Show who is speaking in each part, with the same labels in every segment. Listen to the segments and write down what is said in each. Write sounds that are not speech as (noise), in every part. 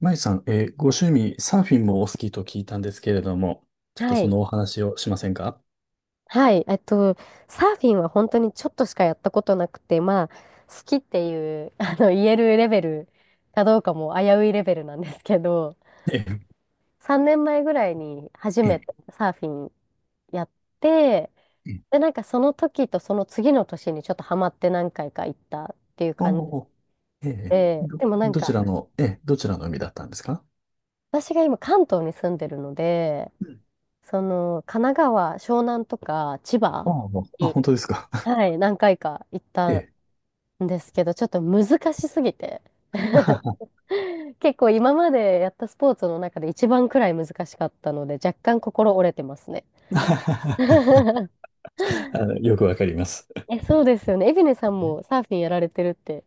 Speaker 1: まゆさん、ご趣味、サーフィンもお好きと聞いたんですけれども、ちょっと
Speaker 2: は
Speaker 1: そ
Speaker 2: い。
Speaker 1: のお話をしませんか？
Speaker 2: はい。サーフィンは本当にちょっとしかやったことなくて、まあ、好きっていう、(laughs) 言えるレベルかどうかも危ういレベルなんですけど、
Speaker 1: え
Speaker 2: 3年前ぐらいに初
Speaker 1: え、
Speaker 2: め
Speaker 1: え
Speaker 2: てサーフィンやって、
Speaker 1: え、え、
Speaker 2: で、なんかその時とその次の年にちょっとハマって何回か行ったっていう
Speaker 1: お
Speaker 2: 感じ
Speaker 1: お、ええ、
Speaker 2: で、
Speaker 1: ど、
Speaker 2: でもなん
Speaker 1: どち
Speaker 2: か
Speaker 1: らの、ええ、どちらの海だったんですか？
Speaker 2: 私が今関東に住んでるので、
Speaker 1: うん。
Speaker 2: その神奈川、湘南とか千葉
Speaker 1: ああ、もうあ、
Speaker 2: に、
Speaker 1: 本当ですか。(laughs)
Speaker 2: はい、何回か行っ
Speaker 1: え
Speaker 2: た
Speaker 1: え。
Speaker 2: んですけど、ちょっと難しすぎて。(laughs)
Speaker 1: (laughs)
Speaker 2: 結構今までやったスポーツの中で一番くらい難しかったので、若干心折れてますね。
Speaker 1: あ
Speaker 2: (laughs)
Speaker 1: よくわかります。
Speaker 2: え、そうですよね。エビネさん
Speaker 1: ええ、
Speaker 2: もサーフィンやられてるって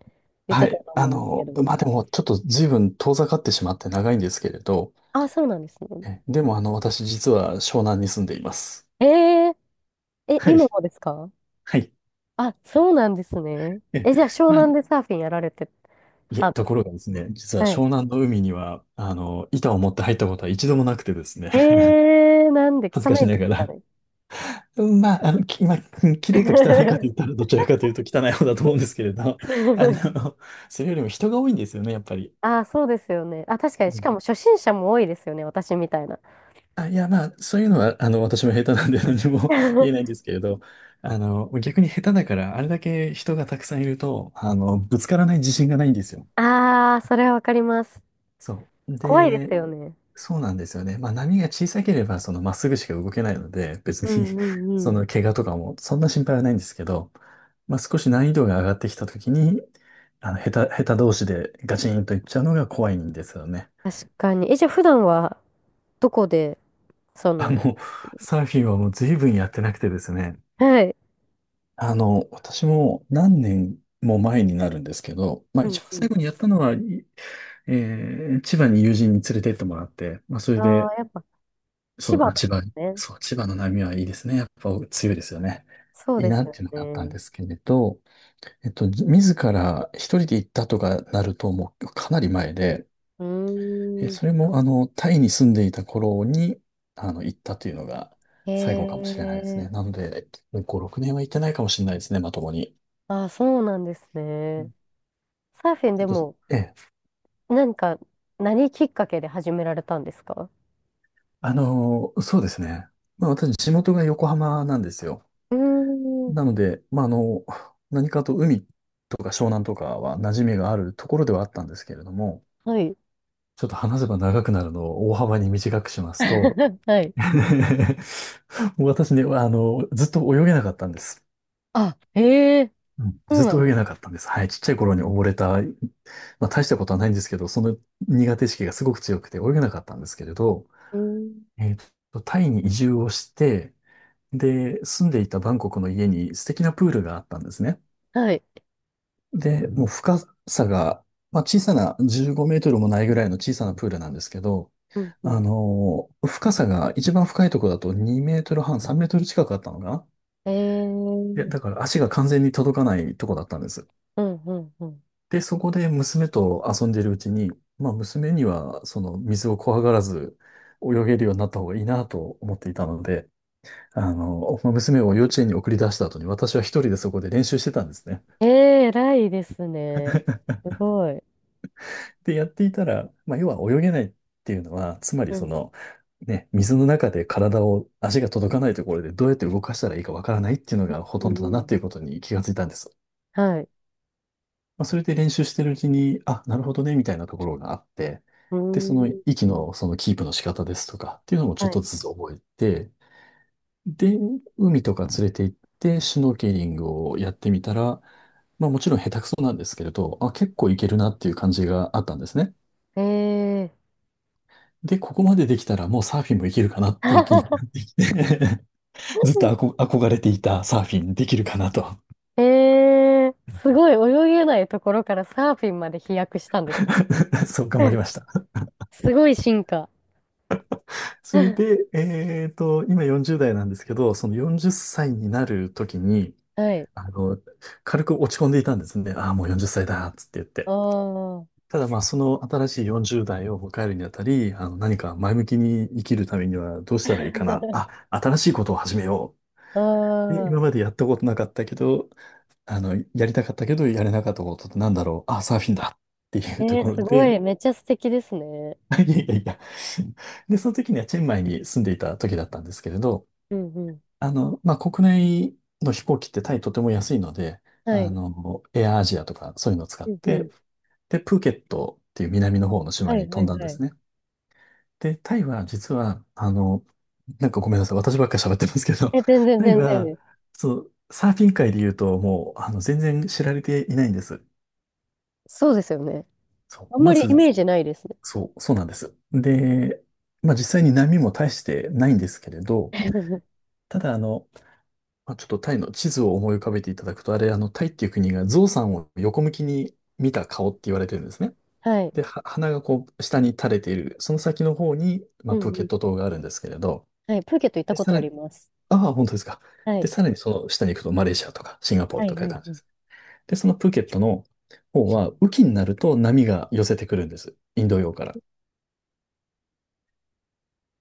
Speaker 2: 言っ
Speaker 1: は
Speaker 2: てたと
Speaker 1: い。
Speaker 2: 思うんですけど。
Speaker 1: まあ、でも、ちょっと随分遠ざかってしまって長いんですけれど、
Speaker 2: あ、そうなんですね。
Speaker 1: ええ、でも、私実は湘南に住んでいます。
Speaker 2: えー、え、
Speaker 1: はい。
Speaker 2: 今もですか？
Speaker 1: はい。
Speaker 2: あ、そうなんですね。
Speaker 1: ええ、
Speaker 2: え、じゃあ湘
Speaker 1: まあ、
Speaker 2: 南でサーフィンやられて
Speaker 1: いえ、
Speaker 2: たん
Speaker 1: と
Speaker 2: で
Speaker 1: こ
Speaker 2: す
Speaker 1: ろがですね、実
Speaker 2: か？
Speaker 1: は
Speaker 2: は
Speaker 1: 湘
Speaker 2: い。
Speaker 1: 南の海には、板を持って入ったことは一度もなくてですね、
Speaker 2: えー、なんで
Speaker 1: (laughs) 恥ず
Speaker 2: 汚
Speaker 1: かし
Speaker 2: いで
Speaker 1: なが
Speaker 2: すか
Speaker 1: ら。
Speaker 2: ね。
Speaker 1: うん、まあ、うん、綺麗か汚いかと言ったら、
Speaker 2: (laughs)
Speaker 1: どちらかというと汚い方だと思うんですけれど、あの、それよりも人が多いんですよね、やっぱり。
Speaker 2: ああ、そうですよね。あ、確か
Speaker 1: う
Speaker 2: に、し
Speaker 1: ん。
Speaker 2: かも初心者も多いですよね、私みたいな。
Speaker 1: あ、いや、まあ、そういうのは、私も下手なんで何も (laughs) 言えないんで
Speaker 2: (laughs)
Speaker 1: すけれど、逆に下手だから、あれだけ人がたくさんいると、ぶつからない自信がないんですよ。
Speaker 2: ああ、それはわかります。
Speaker 1: そう。
Speaker 2: 怖いで
Speaker 1: で、
Speaker 2: すよね。
Speaker 1: そうなんですよね。まあ波が小さければ、そのまっすぐしか動けないので、別
Speaker 2: う
Speaker 1: に
Speaker 2: んうん
Speaker 1: (laughs) そ
Speaker 2: う
Speaker 1: の
Speaker 2: ん。
Speaker 1: 怪我とかもそんな心配はないんですけど、まあ少し難易度が上がってきたときに、下手同士でガチンといっちゃうのが怖いんですよね。
Speaker 2: 確かに。え、じゃあ普段はどこで、そ
Speaker 1: あ、
Speaker 2: の、
Speaker 1: もう、サーフィンはもう随分やってなくてですね。
Speaker 2: はい。
Speaker 1: 私も何年も前になるんですけど、まあ
Speaker 2: う
Speaker 1: 一
Speaker 2: ん
Speaker 1: 番
Speaker 2: う
Speaker 1: 最
Speaker 2: ん。
Speaker 1: 後にやったのは、いえー千葉に友人に連れてってもらって、まあそれ
Speaker 2: あ
Speaker 1: で、
Speaker 2: あ、やっぱ
Speaker 1: そ
Speaker 2: 千
Speaker 1: う、
Speaker 2: 葉
Speaker 1: あ、
Speaker 2: なん
Speaker 1: 千
Speaker 2: で
Speaker 1: 葉、
Speaker 2: すね。
Speaker 1: そう、千葉の波はいいですね。やっぱ強いですよね。
Speaker 2: そう
Speaker 1: いい
Speaker 2: で
Speaker 1: な
Speaker 2: す
Speaker 1: っ
Speaker 2: よ
Speaker 1: ていうのがあったんで
Speaker 2: ね。
Speaker 1: すけれど、自ら一人で行ったとかなると、もうかなり前で、
Speaker 2: う
Speaker 1: え、
Speaker 2: ーん。
Speaker 1: それも、タイに住んでいた頃に、行ったというのが
Speaker 2: へ
Speaker 1: 最後かもしれないですね。
Speaker 2: え。
Speaker 1: なので、5、6年は行ってないかもしれないですね、まともに。
Speaker 2: ああ、そうなんです
Speaker 1: うん、
Speaker 2: ね。サーフィン
Speaker 1: ちょ
Speaker 2: で
Speaker 1: っと、
Speaker 2: も、
Speaker 1: ええ、
Speaker 2: なんか、何きっかけで始められたんですか？
Speaker 1: そうですね。まあ、私、地元が横浜なんですよ。
Speaker 2: うー
Speaker 1: な
Speaker 2: ん。
Speaker 1: ので、まあ、何かと海とか湘南とかは馴染みがあるところではあったんですけれども、
Speaker 2: はい。
Speaker 1: ちょっと話せば長くなるのを大幅に短くしますと、
Speaker 2: (laughs) はい。
Speaker 1: (laughs) もう私ね、ずっと泳げなかったんです。
Speaker 2: あ、へえ、
Speaker 1: うん、
Speaker 2: そ
Speaker 1: ず
Speaker 2: う
Speaker 1: っ
Speaker 2: なん
Speaker 1: と泳
Speaker 2: で
Speaker 1: げ
Speaker 2: す。
Speaker 1: なかったんです。はい。ちっちゃい頃に溺れた、まあ大したことはないんですけど、その苦手意識がすごく強くて泳げなかったんですけれど、
Speaker 2: うん。
Speaker 1: タイに移住をして、で、住んでいたバンコクの家に素敵なプールがあったんですね。
Speaker 2: はい。
Speaker 1: で、もう深さが、まあ、小さな15メートルもないぐらいの小さなプールなんですけど、
Speaker 2: うんうん。
Speaker 1: 深さが一番深いところだと2メートル半、3メートル近くあったのかな。
Speaker 2: ええ、
Speaker 1: で、
Speaker 2: う
Speaker 1: だから足が完全に届かないとこだったんです。
Speaker 2: んうんうん。
Speaker 1: で、そこで娘と遊んでるうちに、まあ娘にはその水を怖がらず泳げるようになった方がいいなと思っていたので、まあ娘を幼稚園に送り出した後に私は一人でそこで練習してたんですね。
Speaker 2: ええ、偉いですね。すごい。
Speaker 1: で、やっていたら、まあ、要は泳げないっていうのは、つまり
Speaker 2: う
Speaker 1: そ
Speaker 2: ん。
Speaker 1: の、ね、水の中で体を、足が届かないところでどうやって動かしたらいいかわからないっていうのがほ
Speaker 2: う
Speaker 1: とん
Speaker 2: ん
Speaker 1: ど
Speaker 2: う
Speaker 1: だなっ
Speaker 2: ん。
Speaker 1: ていうことに気がついたんです。
Speaker 2: はい。
Speaker 1: まあ、それで練習してるうちに、あ、なるほどね、みたいなところがあって、
Speaker 2: う
Speaker 1: で、その
Speaker 2: ーん。
Speaker 1: 息のそのキープの仕方ですとかっていうのもちょっ
Speaker 2: はい。
Speaker 1: とずつ覚えて、で、海とか連れて行って、シュノーケリングをやってみたら、まあもちろん下手くそなんですけれど、あ、結構いけるなっていう感じがあったんですね。
Speaker 2: ええ。
Speaker 1: で、ここまでできたらもうサーフィンもいけるかなっていう気になっ
Speaker 2: (laughs)
Speaker 1: てきて (laughs) ずっと憧れていたサーフィンできるかなと
Speaker 2: ええ、すごい泳げないところからサーフィンまで飛躍したんです
Speaker 1: (laughs) そう頑張り
Speaker 2: ね。
Speaker 1: ました。
Speaker 2: (laughs) すごい進化。
Speaker 1: それ
Speaker 2: (laughs)
Speaker 1: で、今40代なんですけど、その40歳になる時に、
Speaker 2: はい。
Speaker 1: あの、軽く落ち込んでいたんですね。ああ、もう40歳だ、つって言っ
Speaker 2: あ
Speaker 1: て。
Speaker 2: あ。
Speaker 1: ただまあ、その新しい40代を迎えるにあたり、何か前向きに生きるためにはどうしたらいいかな。
Speaker 2: (laughs)
Speaker 1: あ、新しいことを始めよ
Speaker 2: あ
Speaker 1: う。で、
Speaker 2: あ。
Speaker 1: 今までやったことなかったけど、やりたかったけど、やれなかったことってなんだろう。あ、サーフィンだってい
Speaker 2: え
Speaker 1: うと
Speaker 2: え、
Speaker 1: ころ
Speaker 2: すご
Speaker 1: で、
Speaker 2: い。めっちゃ素敵ですね。
Speaker 1: (laughs) いやいやいや。で、その時にはチェンマイに住んでいた時だったんですけれど、
Speaker 2: うんうん。
Speaker 1: まあ、国内の飛行機ってタイとても安いので、
Speaker 2: はい。
Speaker 1: エアアジアとかそういうのを使っ
Speaker 2: うんう
Speaker 1: て、
Speaker 2: ん。
Speaker 1: で、プーケットっていう南の方の島
Speaker 2: は
Speaker 1: に
Speaker 2: い
Speaker 1: 飛
Speaker 2: は
Speaker 1: ん
Speaker 2: い
Speaker 1: だんで
Speaker 2: は
Speaker 1: す
Speaker 2: い。
Speaker 1: ね。で、タイは実は、なんかごめんなさい、私ばっかり喋ってますけど、
Speaker 2: え、全
Speaker 1: (laughs)
Speaker 2: 然
Speaker 1: タイ
Speaker 2: 全然
Speaker 1: は、
Speaker 2: です。
Speaker 1: そう、サーフィン界で言うともう、全然知られていないんです。
Speaker 2: そうですよね。
Speaker 1: そ
Speaker 2: あ
Speaker 1: う、
Speaker 2: んま
Speaker 1: ま
Speaker 2: りイ
Speaker 1: ず、
Speaker 2: メージないですね。
Speaker 1: そう、そうなんです。で、まあ実際に波も大してないんですけれど、
Speaker 2: (laughs)
Speaker 1: ただまあ、ちょっとタイの地図を思い浮かべていただくと、あれ、タイっていう国が象さんを横向きに見た顔って言われてるんですね。
Speaker 2: はい。
Speaker 1: で、は鼻がこう、下に垂れている、その先の方に、ま
Speaker 2: う
Speaker 1: あ、プー
Speaker 2: んう
Speaker 1: ケッ
Speaker 2: ん。
Speaker 1: ト島があるんですけれど、
Speaker 2: はい。プーケット行った
Speaker 1: で、
Speaker 2: こ
Speaker 1: さ
Speaker 2: と
Speaker 1: ら
Speaker 2: あ
Speaker 1: に、
Speaker 2: ります。
Speaker 1: ああ、本当ですか。
Speaker 2: は
Speaker 1: で、
Speaker 2: い。
Speaker 1: さらにその下に行くと、マレーシアとかシンガポー
Speaker 2: は
Speaker 1: ルと
Speaker 2: い
Speaker 1: か
Speaker 2: は
Speaker 1: い
Speaker 2: い
Speaker 1: う感じ
Speaker 2: は
Speaker 1: で
Speaker 2: い。
Speaker 1: す。で、そのプーケットの方は、雨季になると波が寄せてくるんです。インド洋から。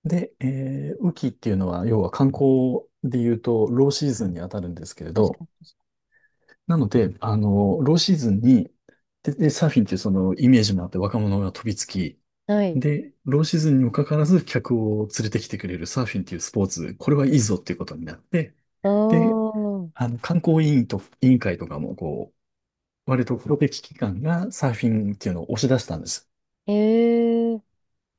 Speaker 1: で、雨季っていうのは、要は観光で言うと、ローシーズンに当たるんですけれ
Speaker 2: 確か
Speaker 1: ど、
Speaker 2: に確
Speaker 1: なので、ローシーズンに、でサーフィンっていうそのイメージもあって若者が飛びつき、
Speaker 2: かに。はい。
Speaker 1: で、ローシーズンにもかかわらず客を連れてきてくれるサーフィンっていうスポーツ、これはいいぞっていうことになって、
Speaker 2: あ
Speaker 1: で、
Speaker 2: あ。
Speaker 1: 観光委員と、委員会とかも、こう、割とプロテキ機関がサーフィンっていうのを押し出したんです。
Speaker 2: へえ。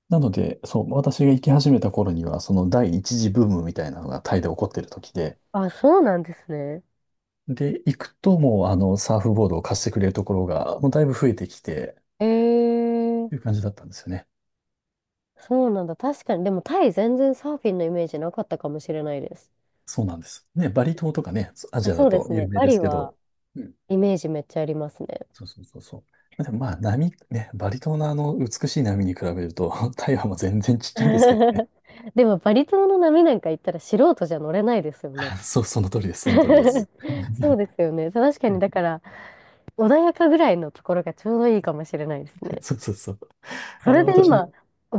Speaker 1: なので、そう、私が行き始めた頃には、その第一次ブームみたいなのがタイで起こってる時で、
Speaker 2: あ、そうなんですね。
Speaker 1: で、行くともうサーフボードを貸してくれるところが、もうだいぶ増えてきて、
Speaker 2: へ
Speaker 1: という
Speaker 2: え。
Speaker 1: 感じだったんですよね。
Speaker 2: そうなんだ。確かに。でもタイ全然サーフィンのイメージなかったかもしれないです。
Speaker 1: そうなんです。ね、バリ島とかね、ア
Speaker 2: あ、
Speaker 1: ジアだ
Speaker 2: そうで
Speaker 1: と
Speaker 2: す
Speaker 1: 有
Speaker 2: ね。
Speaker 1: 名
Speaker 2: バ
Speaker 1: です
Speaker 2: リ
Speaker 1: けど、
Speaker 2: は
Speaker 1: うん。
Speaker 2: イメージめっちゃありますね。
Speaker 1: そうそうそうそう。でもまあ、波、ね、バリ島の美しい波に比べると、(laughs) 台湾も全然ちっちゃいんですけどね。
Speaker 2: (laughs) でもバリ島の波なんか行ったら素人じゃ乗れないですよね。
Speaker 1: あ、そう、その通りです、その通りです。
Speaker 2: (laughs) そうですよね。確かに、
Speaker 1: ね、
Speaker 2: だから、穏やかぐらいのところがちょうどいいかもしれないですね。
Speaker 1: そうそうそう。
Speaker 2: それで
Speaker 1: 私、
Speaker 2: 今、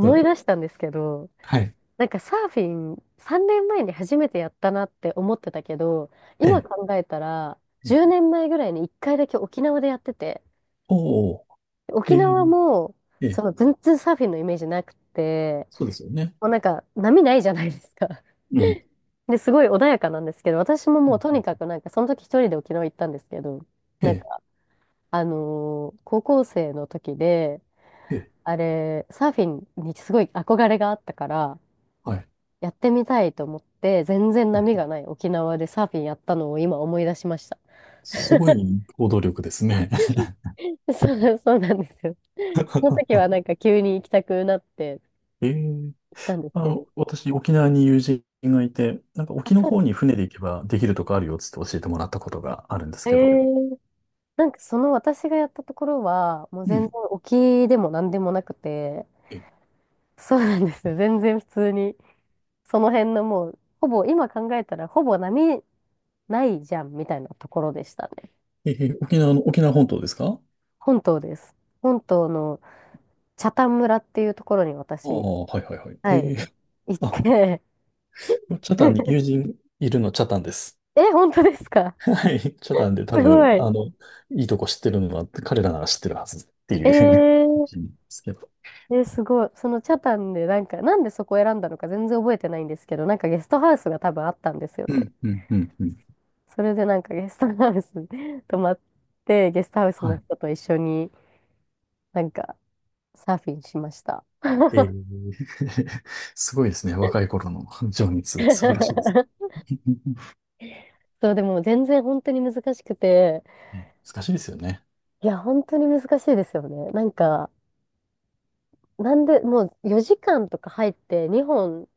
Speaker 1: そ
Speaker 2: い
Speaker 1: う、
Speaker 2: 出したんですけど、
Speaker 1: はい。
Speaker 2: なんかサーフィン3年前に初めてやったなって思ってたけど、
Speaker 1: え
Speaker 2: 今
Speaker 1: え、
Speaker 2: 考えたら、
Speaker 1: ええ、
Speaker 2: 10年前ぐらいに1回だけ沖縄でやってて、
Speaker 1: おお、
Speaker 2: 沖
Speaker 1: ええ、
Speaker 2: 縄も、
Speaker 1: え
Speaker 2: そ
Speaker 1: え、
Speaker 2: の全然サーフィンのイメージなくて、
Speaker 1: そうですよね。
Speaker 2: もうなんか波ないじゃないですか。
Speaker 1: うん。
Speaker 2: で、すごい穏やかなんですけど、私も
Speaker 1: う
Speaker 2: もうと
Speaker 1: ん、
Speaker 2: にかくなんか、その時一人で沖縄行ったんですけど、
Speaker 1: え
Speaker 2: なん
Speaker 1: え、
Speaker 2: かあのー高校生の時で、
Speaker 1: ええ、
Speaker 2: あれ、サーフィンにすごい憧れがあったから、
Speaker 1: はい。
Speaker 2: やってみたいと思って、全然波がない沖縄でサーフィンやったのを今思い出しました。
Speaker 1: すごい行動力ですね。
Speaker 2: (laughs) そうなんですよ。その時
Speaker 1: (laughs)
Speaker 2: はなんか急に行きたくなって
Speaker 1: えー、
Speaker 2: 行ったんです
Speaker 1: あ
Speaker 2: け
Speaker 1: の、
Speaker 2: ど。
Speaker 1: 私、沖縄に友人がいて、なんか
Speaker 2: あ、
Speaker 1: 沖の
Speaker 2: そうな
Speaker 1: 方
Speaker 2: ん
Speaker 1: に船で行けばできるとこあるよっつって教えてもらったことがあるんです
Speaker 2: だ。え
Speaker 1: けど。
Speaker 2: ーなんかその私がやったところは、もう
Speaker 1: う
Speaker 2: 全然
Speaker 1: ん。
Speaker 2: 沖でも何でもなくて、
Speaker 1: え、
Speaker 2: そうなんですよ。全然普通に、その辺のもう、ほぼ、今考えたらほぼ波ないじゃんみたいなところでしたね。
Speaker 1: えー沖縄の、沖縄本島ですか？
Speaker 2: 本島です。本島の北谷村っていうところに
Speaker 1: ああ
Speaker 2: 私、
Speaker 1: ー、はいはいはい。え
Speaker 2: はい、
Speaker 1: ー、
Speaker 2: 行っ
Speaker 1: あ、
Speaker 2: て
Speaker 1: チャタンに
Speaker 2: (laughs)
Speaker 1: 友人いるの、チャタンです。
Speaker 2: え、本当ですか？
Speaker 1: はい。チャタンで多
Speaker 2: すご
Speaker 1: 分、
Speaker 2: い。
Speaker 1: あの、いいとこ知ってるのは彼らなら知ってるはずってい
Speaker 2: え
Speaker 1: う (laughs)
Speaker 2: ー、
Speaker 1: 意見ですけど。
Speaker 2: え、すごい。その北谷でなんか、なんでそこを選んだのか全然覚えてないんですけど、なんかゲストハウスが多分あったんですよ
Speaker 1: (laughs) う
Speaker 2: ね。
Speaker 1: ん、うん、うん、うん。
Speaker 2: それでなんかゲストハウスに (laughs) 泊まって、ゲストハウス
Speaker 1: は
Speaker 2: の
Speaker 1: い、
Speaker 2: 人と一緒になんかサーフィンしました。
Speaker 1: ええ。 (laughs) すごいですね。若い頃の情熱、素晴らしいです。
Speaker 2: (laughs)
Speaker 1: (laughs)
Speaker 2: そう、でも全然本当に難しくて、
Speaker 1: ね、難しいですよね。
Speaker 2: いや、本当に難しいですよね。なんで、もう4時間とか入って2本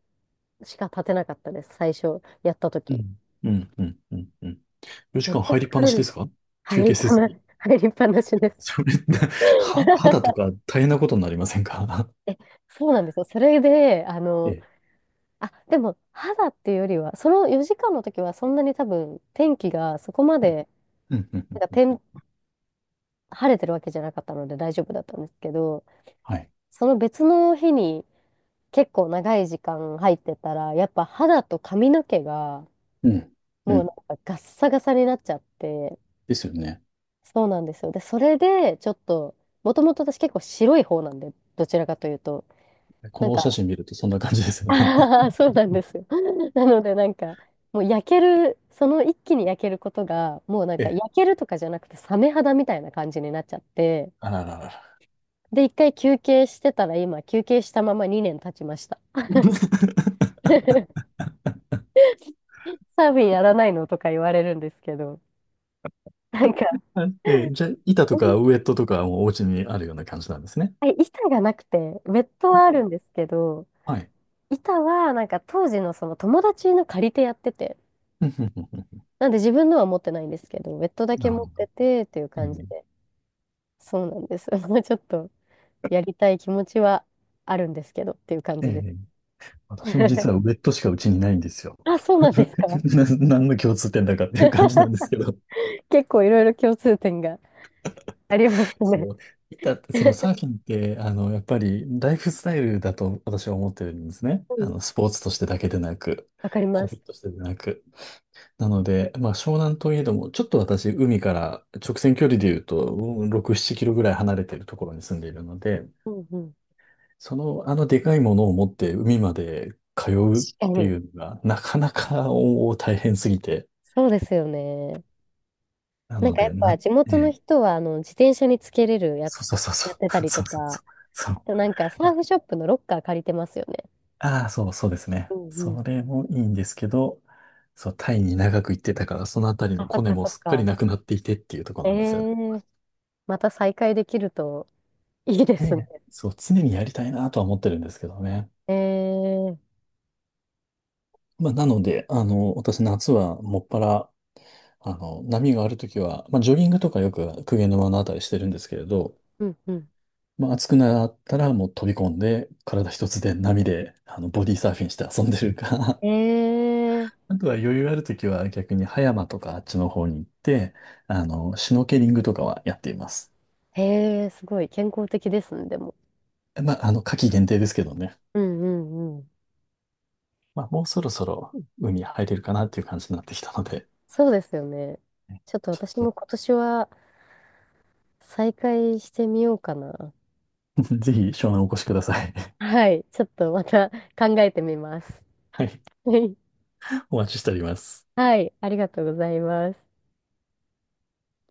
Speaker 2: しか立てなかったです、最初やった
Speaker 1: う
Speaker 2: 時。
Speaker 1: ん。うん、うん、うん、うん。4
Speaker 2: めっ
Speaker 1: 時間
Speaker 2: ちゃ
Speaker 1: 入りっぱ
Speaker 2: 疲
Speaker 1: な
Speaker 2: れ
Speaker 1: し
Speaker 2: る
Speaker 1: で
Speaker 2: じ
Speaker 1: す
Speaker 2: ゃん。
Speaker 1: か？
Speaker 2: 入
Speaker 1: 休
Speaker 2: りっ
Speaker 1: 憩せ
Speaker 2: ぱ
Speaker 1: ず
Speaker 2: な、
Speaker 1: に。
Speaker 2: (laughs) 入りっぱなし
Speaker 1: (laughs)
Speaker 2: です。
Speaker 1: それ、(laughs) は、肌と
Speaker 2: (laughs)
Speaker 1: か大変なことになりませんか？
Speaker 2: え、そうなんですよ。それで、
Speaker 1: (laughs) ええ。
Speaker 2: あ、でも、肌っていうよりは、その4時間の時はそんなに多分、天気がそこま
Speaker 1: うん、
Speaker 2: で、
Speaker 1: うん、
Speaker 2: なんか
Speaker 1: うん。
Speaker 2: 天、晴れてるわけじゃなかったので大丈夫だったんですけど、
Speaker 1: はい。
Speaker 2: その別の日に結構長い時間入ってたら、やっぱ肌と髪の毛が、
Speaker 1: うん、う
Speaker 2: もうな
Speaker 1: ん。
Speaker 2: んかガッサガサになっちゃって、
Speaker 1: ですよね。
Speaker 2: そうなんですよ。で、それで、ちょっと、もともと私結構白い方なんで、どちらかというと、
Speaker 1: こ
Speaker 2: な
Speaker 1: の
Speaker 2: ん
Speaker 1: お
Speaker 2: か、
Speaker 1: 写真見るとそんな感じです
Speaker 2: (laughs)
Speaker 1: よね。
Speaker 2: ああ、そう
Speaker 1: (laughs)
Speaker 2: なん
Speaker 1: うん、
Speaker 2: ですよ。(laughs) なので、もう焼ける、その一気に焼けることが、もうなん
Speaker 1: え
Speaker 2: か
Speaker 1: え。
Speaker 2: 焼けるとかじゃなくて、サメ肌みたいな感じになっちゃって、
Speaker 1: あらららら。
Speaker 2: で、一回休憩してたら、今、休憩したまま2年経ちました。(laughs) サーフィンやらないのとか言われるんですけど、なんか、
Speaker 1: あ、ええ、じゃあ、板
Speaker 2: (laughs)
Speaker 1: と
Speaker 2: う
Speaker 1: か
Speaker 2: ん
Speaker 1: ウエットとかもお家にあるような感じなんですね。
Speaker 2: 板がなくて、ウェット
Speaker 1: ああ、
Speaker 2: はあるんですけど、
Speaker 1: はい。
Speaker 2: 板は、なんか当時のその友達の借りてやってて、
Speaker 1: うん、うん、うん、うん、
Speaker 2: なんで自分のは持ってないんですけど、ベッドだ
Speaker 1: な
Speaker 2: け
Speaker 1: るほ
Speaker 2: 持っ
Speaker 1: ど。
Speaker 2: ててっていう感じで、そうなんです。(laughs) もうちょっとやりたい気持ちはあるんですけどっていう感
Speaker 1: え
Speaker 2: じです。
Speaker 1: え、私も実
Speaker 2: (laughs)
Speaker 1: はウェットしかうちにないんですよ。
Speaker 2: あ、そうなんですか。
Speaker 1: (laughs) な、何の共通点だかっていう感じなんですけど。
Speaker 2: (laughs) 結構いろいろ共通点があります
Speaker 1: (laughs)
Speaker 2: ね。
Speaker 1: そう。板って、そのサーフ
Speaker 2: (laughs)
Speaker 1: ィンって、あの、やっぱりライフスタイルだと私は思ってるんですね。
Speaker 2: う
Speaker 1: あ
Speaker 2: ん、
Speaker 1: の、スポーツとしてだけでなく、
Speaker 2: わかりま
Speaker 1: ホビー
Speaker 2: す。
Speaker 1: としてでなく。なので、まあ、湘南といえども、ちょっと私、海から直線距離で言うと、6、7キロぐらい離れてるところに住んでいるので、
Speaker 2: うんうん。
Speaker 1: その、あのでかいものを持って海まで通うっ
Speaker 2: 確か
Speaker 1: て
Speaker 2: に。
Speaker 1: いうのが、なかなか大変すぎて。
Speaker 2: そうですよね。
Speaker 1: な
Speaker 2: なん
Speaker 1: の
Speaker 2: かやっ
Speaker 1: で、
Speaker 2: ぱ
Speaker 1: な、
Speaker 2: 地
Speaker 1: え
Speaker 2: 元の
Speaker 1: え、
Speaker 2: 人はあの自転車につけれるや
Speaker 1: そう
Speaker 2: つ
Speaker 1: そうそうそ
Speaker 2: やってた
Speaker 1: う、(laughs)
Speaker 2: り
Speaker 1: そ
Speaker 2: と
Speaker 1: うそうそ
Speaker 2: か、
Speaker 1: う、そ
Speaker 2: あ
Speaker 1: う。
Speaker 2: となんかサーフショップのロッカー借りてますよね。
Speaker 1: ああ、そう、そうですね。
Speaker 2: うんうん。
Speaker 1: それもいいんですけど、そう、タイに長く行ってたから、そのあたりの
Speaker 2: あ、そ
Speaker 1: コ
Speaker 2: っ
Speaker 1: ネ
Speaker 2: か
Speaker 1: も
Speaker 2: そっ
Speaker 1: すっかり
Speaker 2: か。
Speaker 1: なくなっていてっていうところ
Speaker 2: え
Speaker 1: なんですよね。
Speaker 2: えまた再会できるといいで
Speaker 1: え
Speaker 2: すね。
Speaker 1: え、そう、常にやりたいなとは思ってるんですけどね。
Speaker 2: ええ
Speaker 1: まあ、なので、あの、私夏はもっぱら、あの、波があるときは、まあ、ジョギングとかよく公家沼のあたりしてるんですけれど、
Speaker 2: うんうん。
Speaker 1: まあ、暑くなったらもう飛び込んで、体一つで波で、あの、ボディーサーフィンして遊んでるか、
Speaker 2: え
Speaker 1: (laughs)
Speaker 2: え
Speaker 1: あとは余裕あるときは逆に葉山とかあっちの方に行って、あの、シュノーケリングとかはやっています。
Speaker 2: ええすごい健康的ですね、でも。
Speaker 1: まあ、あの、夏季限定ですけどね。
Speaker 2: うんうんうん。
Speaker 1: まあ、もうそろそろ海入れるかなっていう感じになってきたので、
Speaker 2: そうですよね。ちょっと
Speaker 1: ち
Speaker 2: 私
Speaker 1: ょ
Speaker 2: も
Speaker 1: っ
Speaker 2: 今年は再会してみようかな。
Speaker 1: と (laughs) ぜひ湘南お越しください。
Speaker 2: はい、ちょっとまた考えてみます。
Speaker 1: (laughs) はい。
Speaker 2: はい、
Speaker 1: お待ちしております。
Speaker 2: はいありがとうございます。